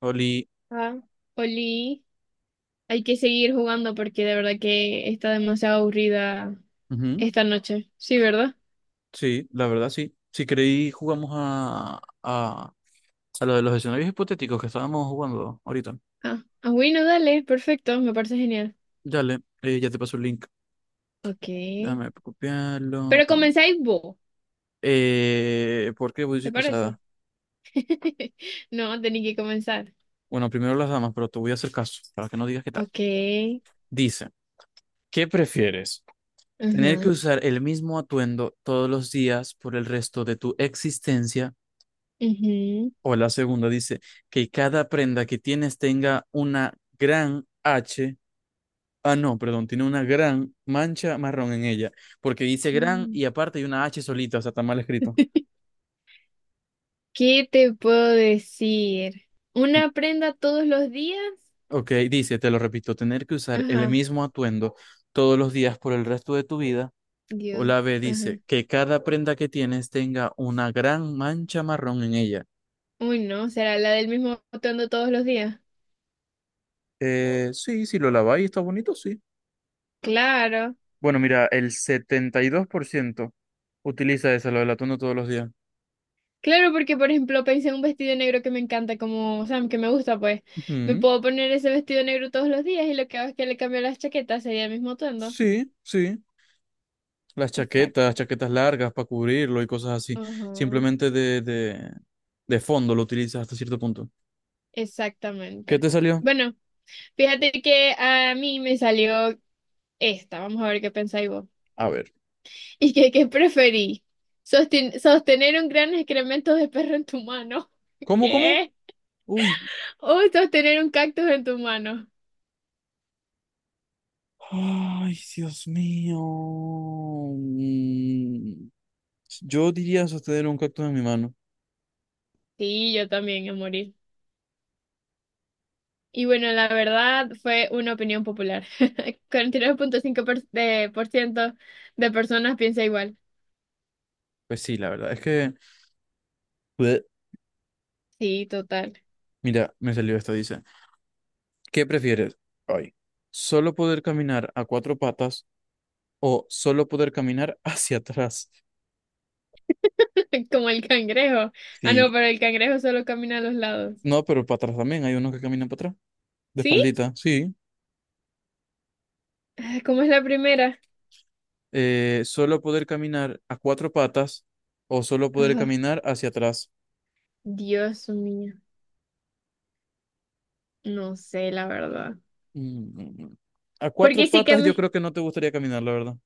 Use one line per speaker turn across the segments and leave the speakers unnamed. Oli,
Ah, Oli, hay que seguir jugando porque de verdad que está demasiado aburrida
ujú,
esta noche. Sí, ¿verdad?
sí, la verdad sí. Si creí, jugamos a lo de los escenarios hipotéticos que estábamos jugando ahorita.
Ah, bueno, dale, perfecto, me parece genial.
Dale, ya te paso el link.
Ok.
Déjame copiarlo.
Pero
Ah.
comenzáis vos,
¿Por qué voy a decir
¿te
pasada?
parece? No, tenéis que comenzar.
Bueno, primero las damas, pero te voy a hacer caso para que no digas qué tal.
Ok.
Dice, ¿qué prefieres? ¿Tener que
Ajá.
usar el mismo atuendo todos los días por el resto de tu existencia?
ujú.
O la segunda dice, que cada prenda que tienes tenga una gran H. Ah, no, perdón, tiene una gran mancha marrón en ella, porque dice gran
Mm.
y aparte hay una H solita, o sea, está mal escrito.
¿Qué te puedo decir? ¿Una prenda todos los días?
Ok, dice, te lo repito, tener que usar el
Ajá,
mismo atuendo todos los días por el resto de tu vida. O
Dios.
la B
Ajá.
dice, que cada prenda que tienes tenga una gran mancha marrón en ella.
Uy, no, ¿será la del mismo atuendo todos los días?
Sí, si lo laváis está bonito, sí.
Claro.
Bueno, mira, el 72% utiliza esa, lo del atuendo todos los días.
Claro, porque por ejemplo pensé en un vestido negro que me encanta, como, o sea, que me gusta, pues me
Ujú,
puedo poner ese vestido negro todos los días y lo que hago es que le cambio las chaquetas, sería el mismo atuendo.
sí, sí. Las chaquetas,
Exacto.
chaquetas largas para cubrirlo y cosas así.
Ajá,
Simplemente de fondo lo utilizas hasta cierto punto. ¿Qué
exactamente.
te salió?
Bueno, fíjate que a mí me salió esta, vamos a ver qué pensáis vos.
A ver.
¿Y que qué preferí? Sostener un gran excremento de perro en tu mano.
¿Cómo, cómo?
¿Qué?
Uy.
O sostener un cactus en tu mano.
Ay, Dios mío. Mm, Yo diría sostener un cactus en mi mano.
Sí, yo también, a morir. Y bueno, la verdad fue una opinión popular. 49.5% de por ciento de personas piensa igual.
Pues sí, la verdad es que... Bleh.
Sí, total.
Mira, me salió esto, dice. ¿Qué prefieres? Ay. ¿Solo poder caminar a cuatro patas o solo poder caminar hacia atrás?
Como el cangrejo. Ah,
Sí.
no, pero el cangrejo solo camina a los lados.
No, pero para atrás también. Hay unos que caminan para atrás. De
¿Sí?
espaldita, sí.
Ah, ¿cómo es la primera?
Solo poder caminar a cuatro patas o solo poder
Ah,
caminar hacia atrás.
Dios mío. No sé, la verdad.
Mm, A cuatro
Porque sí que
patas yo
me...
creo que no te gustaría caminar, la verdad.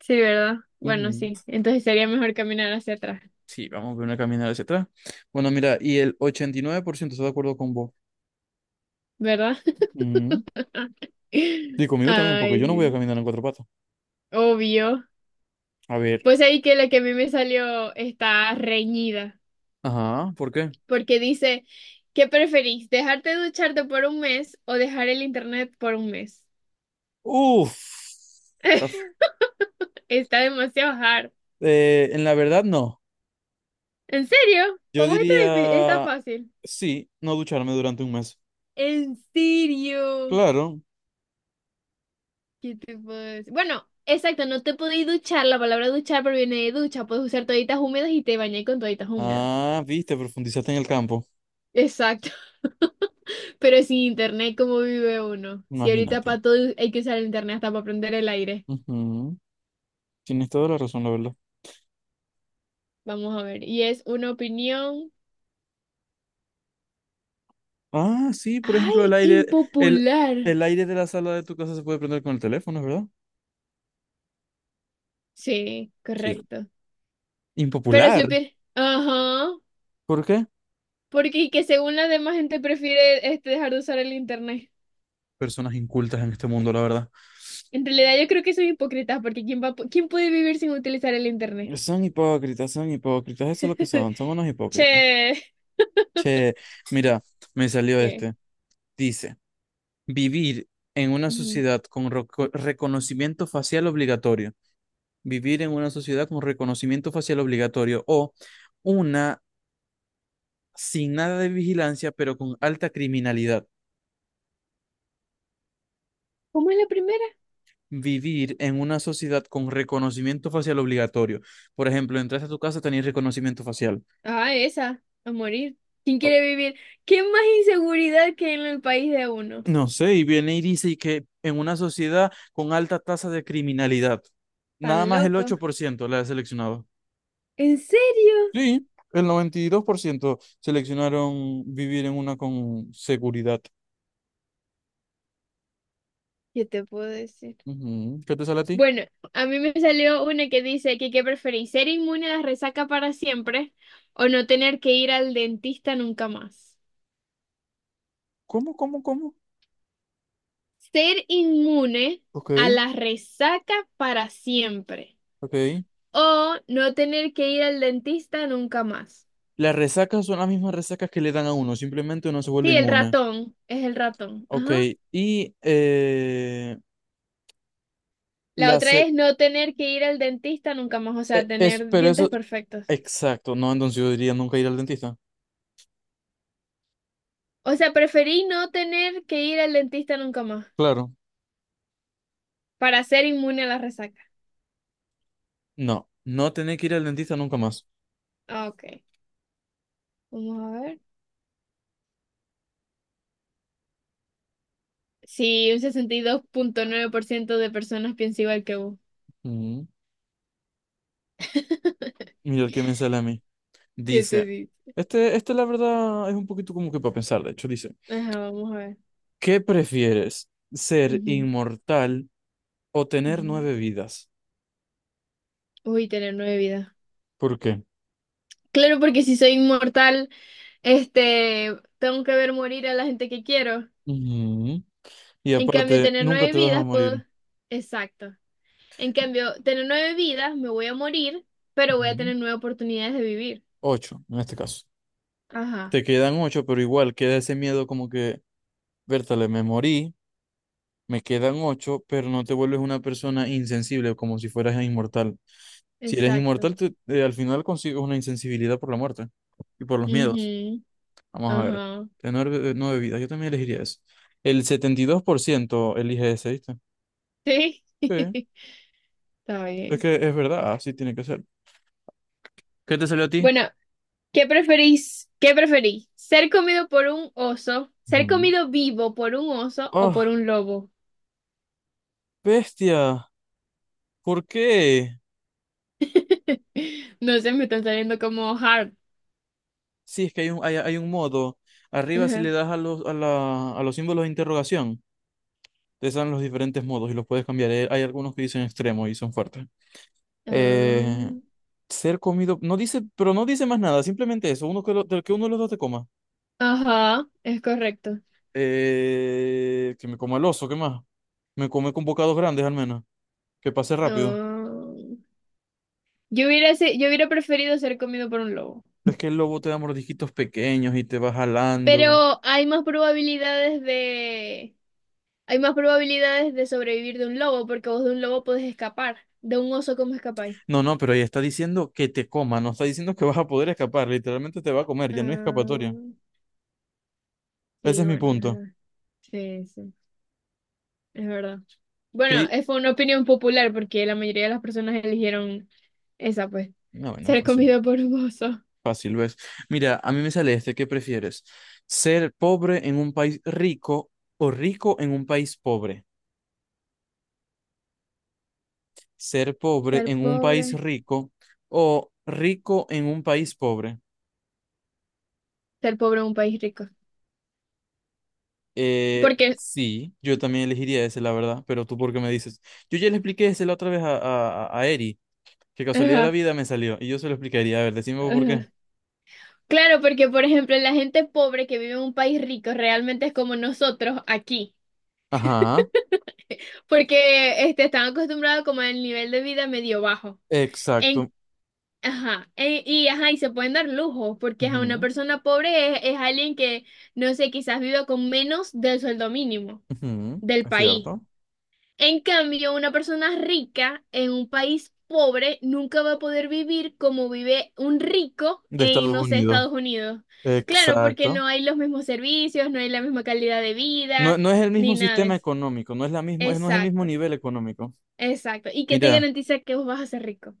Sí, ¿verdad? Bueno,
Ujú.
sí. Entonces sería mejor caminar hacia atrás,
Sí, vamos a ver una caminar hacia atrás. Bueno, mira, y el 89% está de acuerdo con vos.
¿verdad?
Ujú. Y conmigo también, porque yo
Ay,
no voy a
sí.
caminar en cuatro patas.
Obvio.
A ver.
Pues ahí que la que a mí me salió está reñida.
Ajá, ¿por qué?
Porque dice, ¿qué preferís? ¿Dejarte de ducharte por un mes o dejar el internet por un mes?
Uf. Está f-
Está demasiado hard.
en la verdad, no.
¿En serio?
Yo
¿Para vos está, está
diría,
fácil?
sí, no ducharme durante un mes.
¿En serio?
Claro,
¿Qué te puedo decir? Bueno, exacto, no te podéis duchar, la palabra duchar proviene de ducha, puedes usar toallitas húmedas y te bañáis con toallitas húmedas.
Ah, viste, profundizaste en el campo.
Exacto, pero sin internet, ¿cómo vive uno? Si ahorita
Imagínate.
para todo hay que usar el internet hasta para prender el aire.
Ujú. Tienes toda la razón, la verdad.
Vamos a ver, y es una opinión.
Ah, sí, por
Ay,
ejemplo, el aire, el,
impopular.
el aire de la sala de tu casa se puede prender con el teléfono, ¿verdad?
Sí,
Sí.
correcto. Pero
Impopular.
supir, ajá,
¿Por qué?
porque que según la demás gente prefiere este dejar de usar el internet.
Personas incultas en este mundo, la verdad.
En realidad yo creo que son hipócritas porque quién va, quién puede vivir sin utilizar el internet.
Son hipócritas, eso es lo que son, son unos hipócritas.
Che.
Che, mira, me salió
Che.
este. Dice, vivir en una
Ujú.
sociedad con reconocimiento facial obligatorio. Vivir en una sociedad con reconocimiento facial obligatorio o una sin nada de vigilancia pero con alta criminalidad.
¿Cómo es la primera?
Vivir en una sociedad con reconocimiento facial obligatorio. Por ejemplo, entras a tu casa, tenés reconocimiento facial.
Ah, esa, a morir. ¿Quién quiere vivir? ¿Qué más inseguridad que en el país de uno?
No sé, y viene y dice que en una sociedad con alta tasa de criminalidad, nada
Tan
más el
loco.
8% la he seleccionado.
¿En serio?
Sí, el 92% seleccionaron vivir en una con seguridad.
Yo te puedo decir.
Ujú. ¿Qué te sale a ti?
Bueno, a mí me salió una que dice que qué preferís, ser inmune a la resaca para siempre o no tener que ir al dentista nunca más.
¿Cómo, cómo, cómo?
Ser inmune
Ok,
a la resaca para siempre
ok.
o no tener que ir al dentista nunca más.
Las resacas son las mismas resacas que le dan a uno, simplemente uno se vuelve
Sí, el
inmune.
ratón, es el ratón.
Ok,
Ajá.
y
La
la
otra
se-
es no tener que ir al dentista nunca más, o sea,
es,
tener
pero eso,
dientes perfectos.
exacto, no, entonces yo diría nunca ir al dentista.
O sea, preferí no tener que ir al dentista nunca más
Claro.
para ser inmune a la resaca.
No, no tener que ir al dentista nunca más.
Ah, ok. Vamos a ver. Sí, un 62.9% de personas piensa igual que vos.
Mm, Mira el que me sale a mí.
¿Qué te
Dice,
dice?
este la verdad es un poquito como que para pensar, de hecho, dice,
Ajá, vamos a ver.
¿qué prefieres? ¿Ser
Ujú,
inmortal o tener
ujú.
nueve vidas?
Uy, tener nueve vidas.
¿Por qué?
Claro, porque si soy inmortal, este, tengo que ver morir a la gente que quiero.
Ujú. Y
En cambio,
aparte,
tener
nunca
nueve
te vas a
vidas, puedo...
morir.
Exacto. En cambio, tener nueve vidas, me voy a morir, pero voy a
Ujú.
tener nueve oportunidades de vivir.
Ocho, en este caso.
Ajá,
Te quedan ocho, pero igual queda ese miedo como que, vértale me morí, me quedan ocho, pero no te vuelves una persona insensible, como si fueras inmortal. Si eres
exacto.
inmortal, al final consigues una insensibilidad por la muerte y por los miedos.
Ujú,
Vamos a ver.
ajá.
Tener nueve vidas, yo también elegiría eso. El 72% elige ese, ¿viste?
Sí.
Sí,
Está
es
bien.
que es verdad, así tiene que ser. ¿Qué te salió a ti?
Bueno, ¿Qué preferís? ¿Ser comido por un oso? ¿Ser
Ujú.
comido vivo por un oso o
¡Oh,
por un lobo?
bestia! ¿Por qué?
No sé, me están saliendo como hard.
Sí, es que hay un modo. Arriba, si le
Ajá.
das a los símbolos de interrogación, te salen los diferentes modos y los puedes cambiar. Hay algunos que dicen extremo y son fuertes. Eh, ser comido. No dice, pero no dice más nada, simplemente eso. Uno que, del que uno de los dos te coma.
Ah, ajá, es correcto.
Que me coma el oso, ¿qué más? Me come con bocados grandes al menos. Que pase rápido.
Ah, yo hubiera preferido ser comido por un lobo.
Es que el lobo te da mordisquitos pequeños y te va jalando.
Pero hay más probabilidades de... Hay más probabilidades de sobrevivir de un lobo porque vos de un lobo podés escapar. De un oso, ¿cómo escapáis?
No, no, pero ahí está diciendo que te coma, no está diciendo que vas a poder escapar, literalmente te va a comer, ya no hay escapatoria.
Ah,
Ese
sí,
es mi
bueno, es
punto.
verdad. Sí, sí. Es verdad.
¿Qué
Bueno,
di-
fue una opinión popular porque la mayoría de las personas eligieron esa, pues.
No, bueno,
Ser
fácil,
comido por un oso.
fácil, ¿ves? Mira, a mí me sale este, ¿qué prefieres? ¿Ser pobre en un país rico o rico en un país pobre? ¿Ser pobre
Ser
en un país
pobre.
rico o rico en un país pobre?
Ser pobre en un país rico. Porque,
Sí, yo también elegiría ese, la verdad, pero tú por qué me dices. Yo ya le expliqué ese la otra vez a Eri. Qué casualidad de la
ajá,
vida me salió. Y yo se lo explicaría. A ver, decime vos por qué.
ajá. Claro, porque por ejemplo, la gente pobre que vive en un país rico realmente es como nosotros aquí.
Ajá,
Porque este, están acostumbrados como al nivel de vida medio bajo.
exacto.
En, ajá, y ajá, y se pueden dar lujos, porque a una
Ujú,
persona pobre es alguien que, no sé, quizás viva con menos del sueldo mínimo.
ujú,
Del
es
país.
cierto.
En cambio, una persona rica en un país pobre nunca va a poder vivir como vive un rico
De
en,
Estados
no sé,
Unidos.
Estados Unidos. Claro, porque
Exacto.
no hay los mismos servicios, no hay la misma calidad de vida,
No, no es el
ni
mismo
nada de
sistema
eso.
económico, no es la misma, no es el mismo
Exacto,
nivel económico.
exacto. ¿Y qué te
Mira,
garantiza que vos vas a ser rico?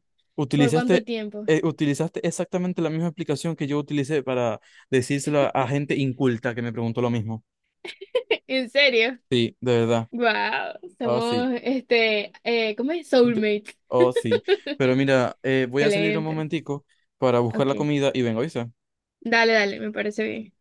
¿Por cuánto
utilizaste,
tiempo?
utilizaste exactamente la misma explicación que yo utilicé para decírselo a, gente inculta que me preguntó lo mismo.
¿En serio?
Sí, de verdad.
Wow,
Oh, sí.
somos, este, ¿cómo es?
Ent-
Soulmates.
Oh, sí. Pero mira, voy a salir un
Excelente.
momentico para buscar
Ok.
la comida y vengo, ¿oíste?
Dale, dale, me parece bien.